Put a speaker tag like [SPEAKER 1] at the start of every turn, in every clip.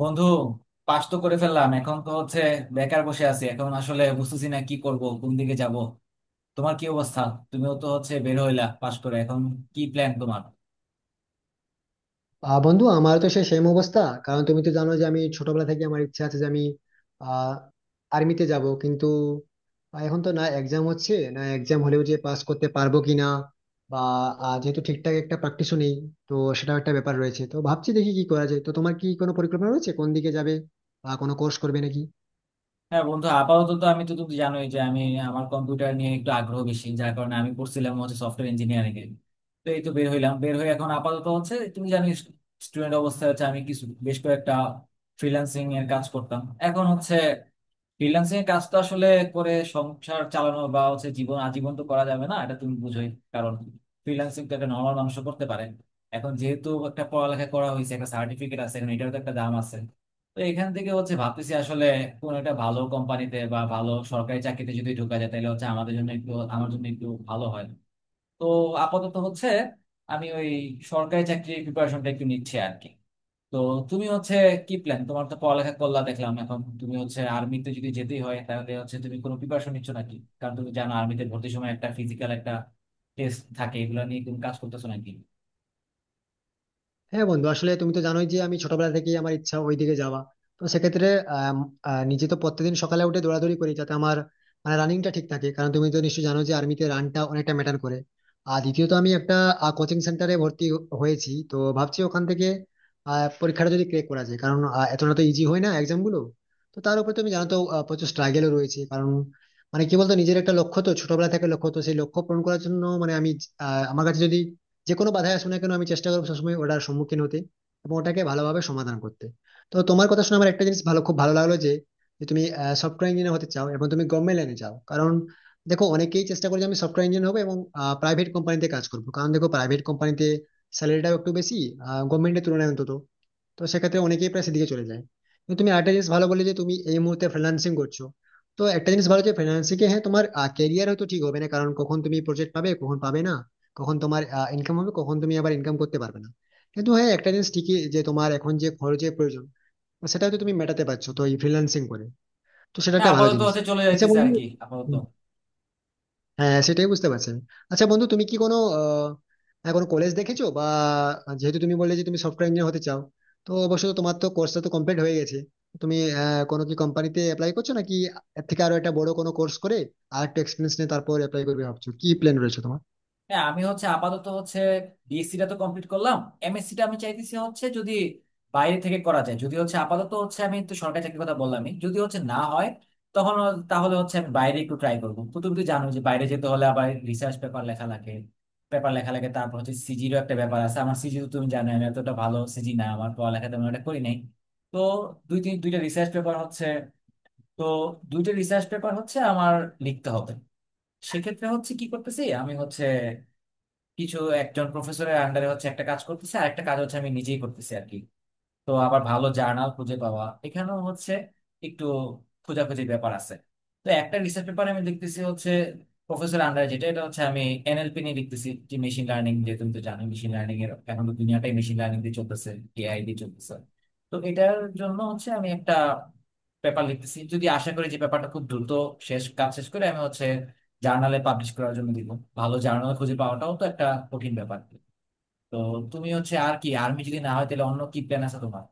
[SPEAKER 1] বন্ধু, পাস তো করে ফেললাম। এখন তো হচ্ছে বেকার বসে আছি। এখন আসলে বুঝতেছি না কি করব, কোন দিকে যাব। তোমার কি অবস্থা? তুমিও তো হচ্ছে বের হইলা পাস করে, এখন কি প্ল্যান তোমার?
[SPEAKER 2] বন্ধু, আমার তো সেই সেম অবস্থা। কারণ তুমি তো জানো যে আমি ছোটবেলা থেকে আমার ইচ্ছা আছে যে আমি আহ আর্মিতে যাব, কিন্তু এখন তো না, এক্সাম হচ্ছে না, এক্সাম হলেও যে পাস করতে পারবো কিনা, বা যেহেতু ঠিকঠাক একটা প্র্যাকটিসও নেই, তো সেটাও একটা ব্যাপার রয়েছে। তো ভাবছি দেখি কি করা যায়। তো তোমার কি কোনো পরিকল্পনা রয়েছে, কোন দিকে যাবে বা কোনো কোর্স করবে নাকি?
[SPEAKER 1] হ্যাঁ বন্ধু, আপাতত তো আমি তো তুমি জানোই যে আমি আমার কম্পিউটার নিয়ে একটু আগ্রহ বেশি, যার কারণে আমি পড়ছিলাম হচ্ছে সফটওয়্যার ইঞ্জিনিয়ারিং এ। তো এই তো বের হইলাম, বের হয়ে এখন আপাতত হচ্ছে তুমি জানো স্টুডেন্ট অবস্থায় হচ্ছে আমি কিছু বেশ কয়েকটা ফ্রিল্যান্সিং এর কাজ করতাম। এখন হচ্ছে ফ্রিল্যান্সিং এর কাজ তো আসলে করে সংসার চালানো বা হচ্ছে জীবন আজীবন তো করা যাবে না, এটা তুমি বুঝোই। কারণ ফ্রিল্যান্সিং তো একটা নর্মাল মানুষও করতে পারে। এখন যেহেতু একটা পড়ালেখা করা হয়েছে, একটা সার্টিফিকেট আছে, এখন এটারও তো একটা দাম আছে। তো এখান থেকে হচ্ছে ভাবতেছি আসলে কোন একটা ভালো কোম্পানিতে বা ভালো সরকারি চাকরিতে যদি ঢোকা যায়, তাহলে হচ্ছে আমাদের জন্য একটু, আমার জন্য একটু ভালো হয়। তো আপাতত হচ্ছে আমি ওই সরকারি চাকরির প্রিপারেশনটা একটু নিচ্ছি আর কি। তো তুমি হচ্ছে কি প্ল্যান তোমার? তো পড়ালেখা করলা দেখলাম, এখন তুমি হচ্ছে আর্মিতে যদি যেতেই হয়, তাহলে হচ্ছে তুমি কোনো প্রিপারেশন নিচ্ছ নাকি? কারণ তুমি জানো আর্মিতে ভর্তির সময় একটা ফিজিক্যাল একটা টেস্ট থাকে। এগুলো নিয়ে তুমি কাজ করতেছো নাকি?
[SPEAKER 2] হ্যাঁ বন্ধু, আসলে তুমি তো জানোই যে আমি ছোটবেলা থেকেই আমার ইচ্ছা ওইদিকে যাওয়া। তো সেক্ষেত্রে আম, নিজে তো প্রত্যেকদিন সকালে উঠে দৌড়াদৌড়ি করি যাতে আমার রানিংটা ঠিক থাকে, কারণ তুমি তো নিশ্চয়ই জানো যে আর্মিতে রানটা অনেকটা ম্যাটার করে। আর দ্বিতীয়ত আমি একটা কোচিং সেন্টারে ভর্তি হয়েছি, তো ভাবছি ওখান থেকে পরীক্ষাটা যদি ক্র্যাক করা যায়, কারণ এতটা তো ইজি হয় না এক্সাম গুলো। তো তার উপর তুমি জানো তো, প্রচুর স্ট্রাগেলও রয়েছে। কারণ মানে কি বলতো, নিজের একটা লক্ষ্য তো ছোটবেলা থেকে, লক্ষ্য তো সেই লক্ষ্য পূরণ করার জন্য মানে আমি আমার কাছে যদি যে কোনো বাধায় আসুক না কেন, আমি চেষ্টা করবো সবসময় ওটার সম্মুখীন হতে এবং ওটাকে ভালোভাবে সমাধান করতে। তো তোমার কথা শুনে আমার একটা জিনিস ভালো, খুব ভালো লাগলো যে যে তুমি সফটওয়্যার ইঞ্জিনিয়ার হতে চাও এবং তুমি গভর্নমেন্ট লাইনে চাও। কারণ দেখো, অনেকেই চেষ্টা করে যে আমি সফটওয়্যার ইঞ্জিনিয়ার হবো এবং প্রাইভেট কোম্পানিতে কাজ করবো, কারণ দেখো প্রাইভেট কোম্পানিতে স্যালারিটাও একটু বেশি গভর্নমেন্টের তুলনায় অন্তত। তো সেক্ষেত্রে অনেকেই প্রায় সেদিকে চলে যায়। কিন্তু তুমি একটা জিনিস ভালো বলে যে তুমি এই মুহূর্তে ফ্রিল্যান্সিং করছো। তো একটা জিনিস ভালো, যে ফ্রিল্যান্সিং এ হ্যাঁ, তোমার ক্যারিয়ার হয়তো ঠিক হবে না, কারণ কখন তুমি প্রজেক্ট পাবে কখন পাবে না, কখন তোমার ইনকাম হবে কখন তুমি আবার ইনকাম করতে পারবে না। কিন্তু হ্যাঁ, একটা জিনিস ঠিকই যে তোমার এখন যে খরচের প্রয়োজন সেটা হয়তো তুমি মেটাতে পারছো তো এই ফ্রিল্যান্সিং করে। তো সেটা
[SPEAKER 1] হ্যাঁ,
[SPEAKER 2] একটা ভালো
[SPEAKER 1] আপাতত
[SPEAKER 2] জিনিস।
[SPEAKER 1] হচ্ছে চলে
[SPEAKER 2] আচ্ছা
[SPEAKER 1] যাইতেছে আর
[SPEAKER 2] বন্ধু,
[SPEAKER 1] কি, আপাতত।
[SPEAKER 2] হ্যাঁ সেটাই বুঝতে পারছি আমি। আচ্ছা বন্ধু, তুমি কি কোনো কোনো কলেজ দেখেছো বা, যেহেতু তুমি বললে যে তুমি সফটওয়্যার ইঞ্জিনিয়ার হতে চাও, তো অবশ্যই তোমার তো কোর্সটা তো কমপ্লিট হয়ে গেছে, তুমি কোনো কি কোম্পানিতে অ্যাপ্লাই করছো নাকি, এর থেকে আরো একটা বড় কোনো কোর্স করে আর একটু এক্সপিরিয়েন্স নিয়ে তারপর অ্যাপ্লাই করবে ভাবছো, কি প্ল্যান রয়েছে তোমার?
[SPEAKER 1] হ্যাঁ আমি হচ্ছে আপাতত হচ্ছে বিএসসি টা তো কমপ্লিট করলাম। এমএসসি টা আমি চাইতেছি হচ্ছে যদি বাইরে থেকে করা যায়, যদি হচ্ছে আপাতত হচ্ছে আমি তো সরকারি চাকরির কথা বললামই, যদি হচ্ছে না হয় তখন তাহলে হচ্ছে আমি বাইরে একটু ট্রাই করবো। তো তুমি তো জানো যে বাইরে যেতে হলে আবার রিসার্চ পেপার লেখা লাগে, পেপার লেখা লাগে। তারপর হচ্ছে সিজিরও একটা ব্যাপার আছে। আমার সিজি তো তুমি জানো, আমি এতটা ভালো সিজি না, আমার পড়ালেখা তেমন একটা করি নাই। তো দুইটা রিসার্চ পেপার হচ্ছে, তো দুইটা রিসার্চ পেপার হচ্ছে আমার লিখতে হবে। সেক্ষেত্রে হচ্ছে কি করতেছি, আমি হচ্ছে কিছু একজন প্রফেসরের আন্ডারে হচ্ছে একটা কাজ করতেছে, আর একটা কাজ হচ্ছে আমি নিজেই করতেছি আর কি। তো আবার ভালো জার্নাল খুঁজে পাওয়া এখানেও হচ্ছে একটু খোঁজাখুঁজির ব্যাপার আছে। তো একটা রিসার্চ পেপার আমি লিখতেছি হচ্ছে প্রফেসর আন্ডার, যেটা এটা হচ্ছে আমি এনএলপি নিয়ে লিখতেছি, যে মেশিন লার্নিং, যে তুমি তো জানো মেশিন লার্নিং এর এখন তো দুনিয়াটাই মেশিন লার্নিং দিয়ে চলতেছে, এআই দিয়ে চলতেছে। তো এটার জন্য হচ্ছে আমি একটা পেপার লিখতেছি। যদি আশা করি যে পেপারটা খুব দ্রুত শেষ, কাজ শেষ করে আমি হচ্ছে জার্নালে পাবলিশ করার জন্য দিব। ভালো জার্নাল খুঁজে পাওয়াটাও তো একটা কঠিন ব্যাপার। তো তুমি হচ্ছে আর কি, আর্মি যদি না হয় তাহলে অন্য কি প্ল্যান আছে তোমার?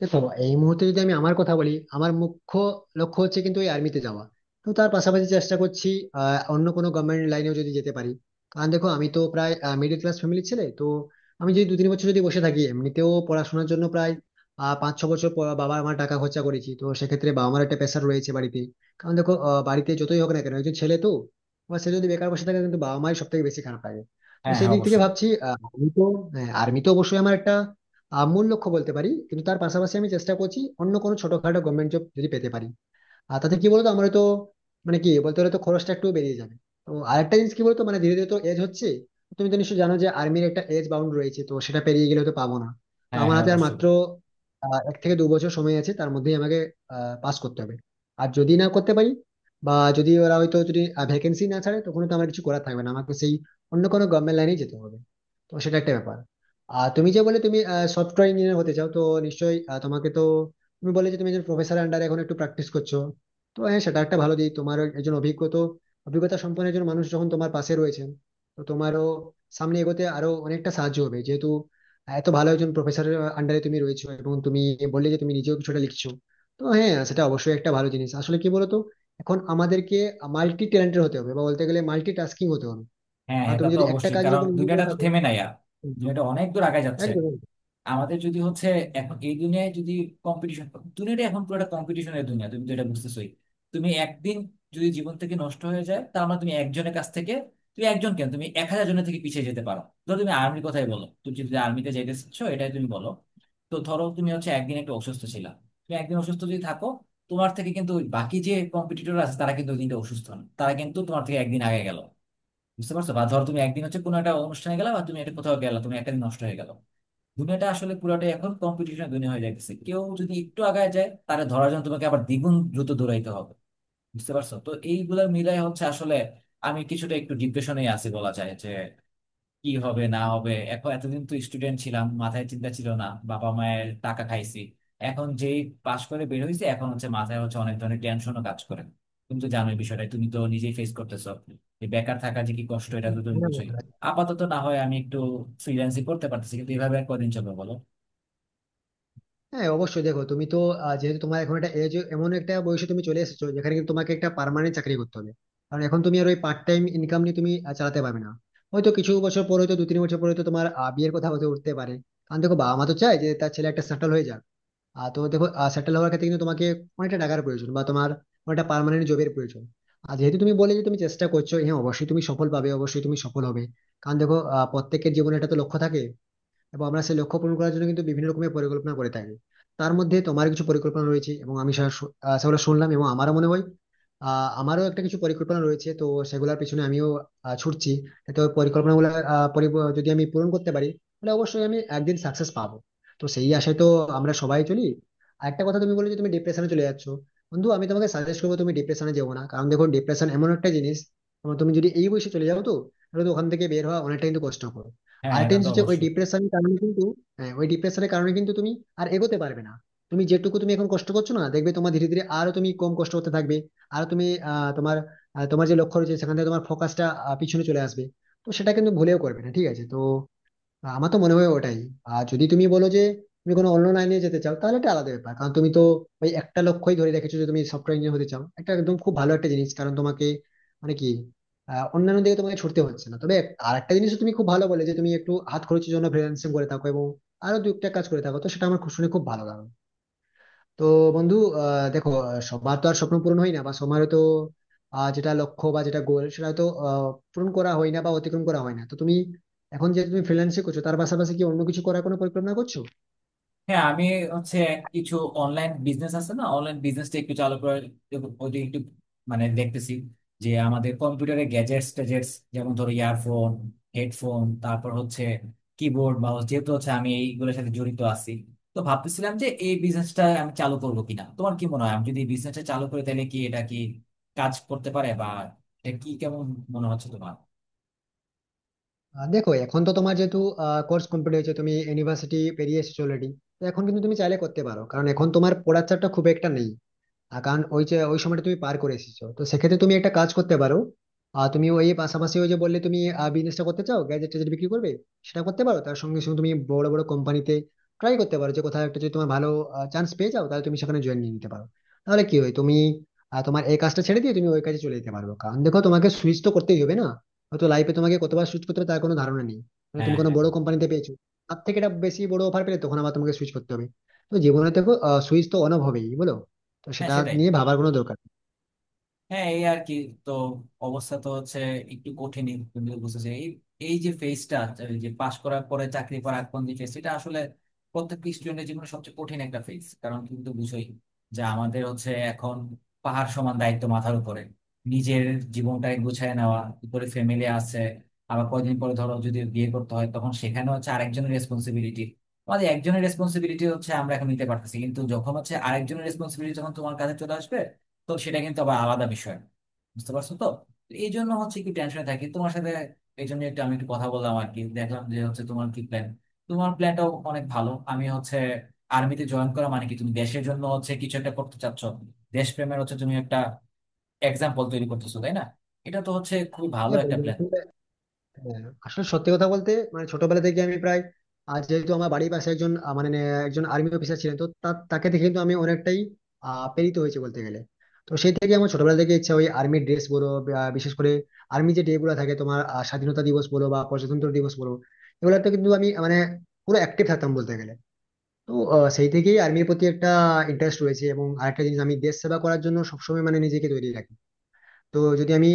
[SPEAKER 2] দেখো, এই মুহূর্তে যদি আমি আমার কথা বলি, আমার মুখ্য লক্ষ্য হচ্ছে কিন্তু এই আর্মিতে যাওয়া। তো তার পাশাপাশি চেষ্টা করছি অন্য কোনো গভর্নমেন্ট লাইনেও যদি যেতে পারি, কারণ দেখো আমি তো প্রায় মিডল ক্লাস ফ্যামিলির ছেলে। তো আমি যদি দু তিন বছর যদি বসে থাকি, এমনিতেও পড়াশোনার জন্য প্রায় পাঁচ ছ বছর পর বাবা আমার টাকা খরচা করেছি, তো সেক্ষেত্রে বাবা আমার একটা প্রেশার রয়েছে বাড়িতে। কারণ দেখো, বাড়িতে যতই হোক না কেন, একজন ছেলে তো, এবার সে যদি বেকার বসে থাকে কিন্তু বাবা মায়ের সব থেকে বেশি খারাপ লাগে। তো
[SPEAKER 1] হ্যাঁ
[SPEAKER 2] সেই
[SPEAKER 1] হ্যাঁ,
[SPEAKER 2] দিক থেকে
[SPEAKER 1] অবশ্যই।
[SPEAKER 2] ভাবছি আমি তো। হ্যাঁ, আর্মি তো অবশ্যই আমার একটা মূল লক্ষ্য বলতে পারি, কিন্তু তার পাশাপাশি আমি চেষ্টা করছি অন্য কোনো ছোটখাটো গভর্নমেন্ট জব যদি পেতে পারি। আর তাতে কি বলতো, আমরা তো মানে কি বলতে গেলে তো খরচটা একটু বেরিয়ে যাবে। তো আরেকটা জিনিস কি বলতো, মানে ধীরে ধীরে তো এজ হচ্ছে, তুমি তো নিশ্চয়ই জানো যে আর্মির একটা এজ বাউন্ড রয়েছে, তো সেটা পেরিয়ে গেলে তো পাবো না। তো
[SPEAKER 1] হ্যাঁ
[SPEAKER 2] আমার
[SPEAKER 1] হ্যাঁ,
[SPEAKER 2] হাতে আর
[SPEAKER 1] অবশ্যই।
[SPEAKER 2] মাত্র এক থেকে দু বছর সময় আছে, তার মধ্যেই আমাকে পাস করতে হবে। আর যদি না করতে পারি বা যদি ওরা হয়তো যদি ভ্যাকেন্সি না ছাড়ে, তখন তো আমার কিছু করার থাকবে না, আমাকে সেই অন্য কোনো গভর্নমেন্ট লাইনেই যেতে হবে। তো সেটা একটা ব্যাপার। আর তুমি যে বলে তুমি সফটওয়্যার ইঞ্জিনিয়ার হতে চাও, তো নিশ্চয়ই তোমাকে তো, তুমি বলে যে তুমি একজন প্রফেসর আন্ডারে এখন একটু প্র্যাকটিস করছো, তো হ্যাঁ সেটা একটা ভালো দিক তোমার। একজন অভিজ্ঞতা অভিজ্ঞতা সম্পন্ন একজন মানুষ যখন তোমার পাশে রয়েছেন, তো তোমারও সামনে এগোতে আরো অনেকটা সাহায্য হবে, যেহেতু এত ভালো একজন প্রফেসরের আন্ডারে তুমি রয়েছো এবং তুমি বললে যে তুমি নিজেও কিছুটা লিখছো। তো হ্যাঁ সেটা অবশ্যই একটা ভালো জিনিস। আসলে কি বলতো, এখন আমাদেরকে মাল্টি ট্যালেন্টেড হতে হবে, বা বলতে গেলে মাল্টি টাস্কিং হতে হবে,
[SPEAKER 1] হ্যাঁ
[SPEAKER 2] কারণ
[SPEAKER 1] হ্যাঁ, তা
[SPEAKER 2] তুমি
[SPEAKER 1] তো
[SPEAKER 2] যদি একটা
[SPEAKER 1] অবশ্যই,
[SPEAKER 2] কাজের
[SPEAKER 1] কারণ
[SPEAKER 2] উপর নির্ভর
[SPEAKER 1] দুনিয়াটা
[SPEAKER 2] করে
[SPEAKER 1] তো
[SPEAKER 2] থাকো।
[SPEAKER 1] থেমে নাই আর। দুনিয়াটা অনেক দূর আগে যাচ্ছে।
[SPEAKER 2] একদম।
[SPEAKER 1] আমাদের যদি হচ্ছে এখন এই দুনিয়ায় যদি কম্পিটিশন, দুনিয়াটা এখন পুরোটা কম্পিটিশনের দুনিয়া, তুমি তো এটা বুঝতেছোই। তুমি একদিন যদি জীবন থেকে নষ্ট হয়ে যায়, তার মানে তুমি একজনের কাছ থেকে, তুমি একজন কেন, তুমি 1000 জনের থেকে পিছিয়ে যেতে পারো। ধরো তুমি আর্মির কথাই বলো, তুমি যদি আর্মিতে যেতেছ এটাই তুমি বলো। তো ধরো তুমি হচ্ছে একদিন একটু অসুস্থ ছিলা, তুমি একদিন অসুস্থ যদি থাকো, তোমার থেকে কিন্তু ওই বাকি যে কম্পিটিটর আছে, তারা কিন্তু ওই দিনটা অসুস্থ না, তারা কিন্তু তোমার থেকে একদিন আগে গেল। বুঝতে পারছো? বা ধরো তুমি একদিন হচ্ছে কোনো একটা অনুষ্ঠানে গেলা, বা তুমি একটা কোথাও গেলা, তুমি একটা দিন নষ্ট হয়ে গেল। দুনিয়াটা আসলে পুরাটাই এখন কম্পিটিশনের দুনিয়া হয়ে যাচ্ছে। কেউ যদি একটু আগায় যায়, তাহলে ধরার জন্য তোমাকে আবার দ্বিগুণ দ্রুত দৌড়াইতে হবে। বুঝতে পারছো? তো এইগুলা মিলাই হচ্ছে আসলে আমি কিছুটা একটু ডিপ্রেশনে আছি বলা যায়, যে কি হবে না হবে। এখন এতদিন তো স্টুডেন্ট ছিলাম, মাথায় চিন্তা ছিল না, বাবা মায়ের টাকা খাইছি। এখন যেই পাশ করে বের হয়েছি, এখন হচ্ছে মাথায় হচ্ছে অনেক ধরনের টেনশনও কাজ করে। তুমি তো জানোই বিষয়টা, তুমি তো নিজেই ফেস করতেছো যে বেকার থাকা যে কি কষ্ট, এটা তো তুমি
[SPEAKER 2] একদম।
[SPEAKER 1] বুঝোই। আপাতত না হয় আমি একটু ফ্রিল্যান্সিং করতে পারতেছি, কিন্তু এভাবে আর কদিন চলবে বলো?
[SPEAKER 2] হ্যাঁ অবশ্যই। দেখো, তুমি তো যেহেতু তোমার এখন একটা এজ, এমন একটা বয়সে তুমি চলে এসেছো যেখানে কিন্তু তোমাকে একটা পার্মানেন্ট চাকরি করতে হবে, কারণ এখন তুমি আর ওই পার্ট টাইম ইনকাম নিয়ে তুমি চালাতে পারবে না। হয়তো কিছু বছর পরে, হয়তো দু তিন বছর পরে, তো তোমার বিয়ের কথা হয়তো উঠতে পারে, কারণ দেখো বাবা মা তো চায় যে তার ছেলে একটা সেটেল হয়ে যাক। আর তো দেখো, সেটেল হওয়ার ক্ষেত্রে কিন্তু তোমাকে অনেকটা টাকার প্রয়োজন, বা তোমার অনেকটা পার্মানেন্ট জবের প্রয়োজন। আর যেহেতু তুমি বলে যে তুমি চেষ্টা করছো, হ্যাঁ অবশ্যই তুমি সফল পাবে, অবশ্যই তুমি সফল হবে। কারণ দেখো, প্রত্যেকের জীবনে একটা তো লক্ষ্য থাকে এবং আমরা সেই লক্ষ্য পূরণ করার জন্য কিন্তু বিভিন্ন রকমের পরিকল্পনা করে থাকি। তার মধ্যে তোমার কিছু পরিকল্পনা রয়েছে এবং আমি সেগুলো শুনলাম। এবং আমারও মনে হয় আমারও একটা কিছু পরিকল্পনা রয়েছে, তো সেগুলোর পিছনে আমিও ছুটছি। তো পরিকল্পনা গুলো যদি আমি পূরণ করতে পারি, তাহলে অবশ্যই আমি একদিন সাকসেস পাবো। তো সেই আশায় তো আমরা সবাই চলি। আর একটা কথা, তুমি বলে যে তুমি ডিপ্রেশনে চলে যাচ্ছ, বন্ধু আমি তোমাকে সাজেস্ট করবো তুমি ডিপ্রেশনে যেও না, কারণ দেখো, ডিপ্রেশন এমন একটা জিনিস, তোমার, তুমি যদি এই বয়সে চলে যাও, তো তাহলে তো ওখান থেকে বের হওয়া অনেকটা কিন্তু কষ্টকর।
[SPEAKER 1] হ্যাঁ
[SPEAKER 2] আর
[SPEAKER 1] হ্যাঁ,
[SPEAKER 2] একটা
[SPEAKER 1] তা
[SPEAKER 2] জিনিস
[SPEAKER 1] তো
[SPEAKER 2] হচ্ছে, ওই
[SPEAKER 1] অবশ্যই।
[SPEAKER 2] ডিপ্রেশনের কারণে কিন্তু, হ্যাঁ ওই ডিপ্রেশনের কারণে কিন্তু তুমি আর এগোতে পারবে না। তুমি যেটুকু তুমি এখন কষ্ট করছো না, দেখবে তোমার ধীরে ধীরে আরো তুমি কম কষ্ট হতে থাকবে। আর তুমি আহ তোমার তোমার যে লক্ষ্য রয়েছে সেখান থেকে তোমার ফোকাসটা পিছনে চলে আসবে। তো সেটা কিন্তু ভুলেও করবে না, ঠিক আছে? তো আমার তো মনে হয় ওটাই। আর যদি তুমি বলো যে তুমি কোনো অন্য লাইনে যেতে চাও, তাহলে এটা আলাদা ব্যাপার, কারণ তুমি তো ওই একটা লক্ষ্যই ধরে রেখেছো যে তুমি সফটওয়্যার ইঞ্জিনিয়ার হতে চাও, একটা একদম খুব ভালো একটা জিনিস, কারণ তোমাকে মানে কি অন্যান্য দিকে তোমাকে ছুটতে হচ্ছে না। তবে আর একটা জিনিস তুমি খুব ভালো বলে যে তুমি একটু হাত খরচের জন্য ফ্রিল্যান্সিং করে থাকো এবং আরো দু একটা কাজ করে থাকো, তো সেটা আমার খুব শুনে খুব ভালো লাগলো। তো বন্ধু, দেখো, সবার তো আর স্বপ্ন পূরণ হয় না, বা সবার তো যেটা লক্ষ্য বা যেটা গোল, সেটা তো পূরণ করা হয় না বা অতিক্রম করা হয় না। তো তুমি এখন যে তুমি ফ্রিল্যান্সিং করছো, তার পাশাপাশি কি অন্য কিছু করার কোনো পরিকল্পনা করছো?
[SPEAKER 1] হ্যাঁ আমি হচ্ছে কিছু অনলাইন বিজনেস আছে না, অনলাইন বিজনেসটা একটু চালু করার, ওইটা একটু মানে দেখতেছি। যে আমাদের কম্পিউটারের গ্যাজেটস ট্যাজেটস, যেমন ধরো ইয়ারফোন, হেডফোন, তারপর হচ্ছে কিবোর্ড, মাউস, যেহেতু হচ্ছে আমি এইগুলোর সাথে জড়িত আছি, তো ভাবতেছিলাম যে এই বিজনেসটা আমি চালু করবো কিনা। তোমার কি মনে হয়, আমি যদি এই বিজনেসটা চালু করে তাহলে কি এটা কি কাজ করতে পারে, বা এটা কি কেমন মনে হচ্ছে তোমার?
[SPEAKER 2] দেখো, এখন তো তোমার যেহেতু কোর্স কমপ্লিট হয়েছে, তুমি ইউনিভার্সিটি পেরিয়ে এসেছো অলরেডি, তো এখন কিন্তু তুমি চাইলে করতে পারো, কারণ এখন তোমার পড়ার চাপটা খুব একটা নেই, কারণ ওই যে ওই সময়টা তুমি পার করে এসেছো। তো সেক্ষেত্রে তুমি একটা কাজ করতে পারো। আর তুমি ওই পাশাপাশি ওই যে বললে তুমি বিজনেসটা করতে চাও, গ্যাজেট ট্যাজেট বিক্রি করবে, সেটা করতে পারো। তার সঙ্গে সঙ্গে তুমি বড় বড় কোম্পানিতে ট্রাই করতে পারো, যে কোথাও একটা যদি তোমার ভালো চান্স পেয়ে যাও, তাহলে তুমি সেখানে জয়েন নিয়ে নিতে পারো। তাহলে কি হয়, তুমি তোমার এই কাজটা ছেড়ে দিয়ে তুমি ওই কাজে চলে যেতে পারবে। কারণ দেখো, তোমাকে সুইচ তো করতেই হবে না, হয়তো লাইফে তোমাকে কতবার সুইচ করতে হবে তার কোনো ধারণা নেই। মানে তুমি
[SPEAKER 1] হ্যাঁ
[SPEAKER 2] কোনো
[SPEAKER 1] হ্যাঁ।
[SPEAKER 2] বড় কোম্পানিতে পেয়েছো, তার থেকে এটা বেশি বড় অফার পেলে, তখন আবার তোমাকে সুইচ করতে হবে। তো জীবনে দেখো, সুইচ তো অন হবেই, বলো? তো
[SPEAKER 1] হ্যাঁ,
[SPEAKER 2] সেটা
[SPEAKER 1] সেটাই।
[SPEAKER 2] নিয়ে ভাবার কোনো দরকার নেই।
[SPEAKER 1] হ্যাঁ এই আর কি। তো অবস্থা তো হচ্ছে একটু কঠিনই, তুমি তো বুঝতেছো এই, এই যে ফেজটা, যে পাশ করার পরে চাকরি পাওয়ার আগ পর্যন্ত ফেজ, এটা আসলে প্রত্যেক স্টুডেন্টের জীবনে সবচেয়ে কঠিন একটা ফেজ। কারণ তুমি তো বুঝোই যে আমাদের হচ্ছে এখন পাহাড় সমান দায়িত্ব মাথার উপরে। নিজের জীবনটাকে গুছায় নেওয়া, উপরে ফ্যামিলি আছে, আবার কয়দিন পরে ধরো যদি বিয়ে করতে হয়, তখন সেখানে হচ্ছে আরেকজনের রেসপন্সিবিলিটি। আমাদের একজনের রেসপন্সিবিলিটি হচ্ছে আমরা এখন নিতে পারতেছি, কিন্তু যখন হচ্ছে আরেকজনের রেসপন্সিবিলিটি যখন তোমার কাছে চলে আসবে, তো সেটা কিন্তু আবার আলাদা বিষয়। বুঝতে পারছো তো? এই জন্য হচ্ছে কি টেনশনে থাকি। তোমার সাথে এই জন্য একটু আমি একটু কথা বললাম আর কি, দেখলাম যে হচ্ছে তোমার কি প্ল্যান। তোমার প্ল্যানটাও অনেক ভালো। আমি হচ্ছে আর্মিতে জয়েন করা মানে কি, তুমি দেশের জন্য হচ্ছে কিছু একটা করতে চাচ্ছ, দেশপ্রেমের হচ্ছে তুমি একটা এক্সাম্পল তৈরি করতেছো, তাই না? এটা তো হচ্ছে খুবই ভালো
[SPEAKER 2] হ্যাঁ,
[SPEAKER 1] একটা
[SPEAKER 2] বন্ধু,
[SPEAKER 1] প্ল্যান।
[SPEAKER 2] আসলে হ্যাঁ, আসলে সত্যি কথা বলতে মানে ছোটবেলা থেকে আমি প্রায়, আর যেহেতু আমার বাড়ির পাশে একজন আহ, মানে আহ, একজন আর্মি অফিসার ছিলেন, তো তাকে দেখে কিন্তু আমি অনেকটাই প্রেরিত হয়েছে বলতে গেলে। তো সেই থেকে আমার ছোটবেলা থেকে ইচ্ছা, ওই আর্মির ড্রেস বলো বা বিশেষ করে আর্মি যে ডে গুলো থাকে তোমার, স্বাধীনতা দিবস বলো বা প্রজাতন্ত্র দিবস বলো, এগুলোতে কিন্তু আমি মানে পুরো অ্যাক্টিভ থাকতাম বলতে গেলে। তো সেই থেকেই আর্মির প্রতি একটা ইন্টারেস্ট রয়েছে, এবং আরেকটা জিনিস, আমি দেশ সেবা করার জন্য সবসময় মানে নিজেকে তৈরি রাখি। তো যদি আমি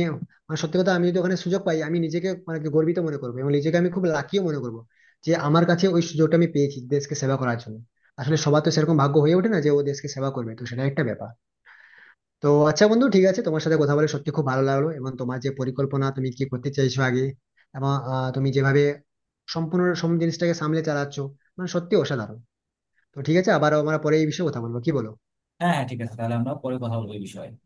[SPEAKER 2] মানে সত্যি কথা, আমি যদি ওখানে সুযোগ পাই, আমি নিজেকে মানে কি গর্বিত মনে করবো, এবং নিজেকে আমি খুব লাকিও মনে করবো যে আমার কাছে ওই সুযোগটা আমি পেয়েছি দেশকে সেবা করার জন্য। আসলে সবার তো সেরকম ভাগ্য হয়ে ওঠে না যে ও দেশকে সেবা করবে, তো সেটা একটা ব্যাপার। তো আচ্ছা বন্ধু, ঠিক আছে, তোমার সাথে কথা বলে সত্যি খুব ভালো লাগলো, এবং তোমার যে পরিকল্পনা তুমি কি করতে চাইছো আগে, এবং তুমি যেভাবে সম্পূর্ণ সব জিনিসটাকে সামলে চালাচ্ছো, মানে সত্যি অসাধারণ। তো ঠিক আছে, আবার আমরা পরে এই বিষয়ে কথা বলবো, কি বলো?
[SPEAKER 1] হ্যাঁ হ্যাঁ, ঠিক আছে, তাহলে আমরা পরে কথা বলবো এই বিষয়ে।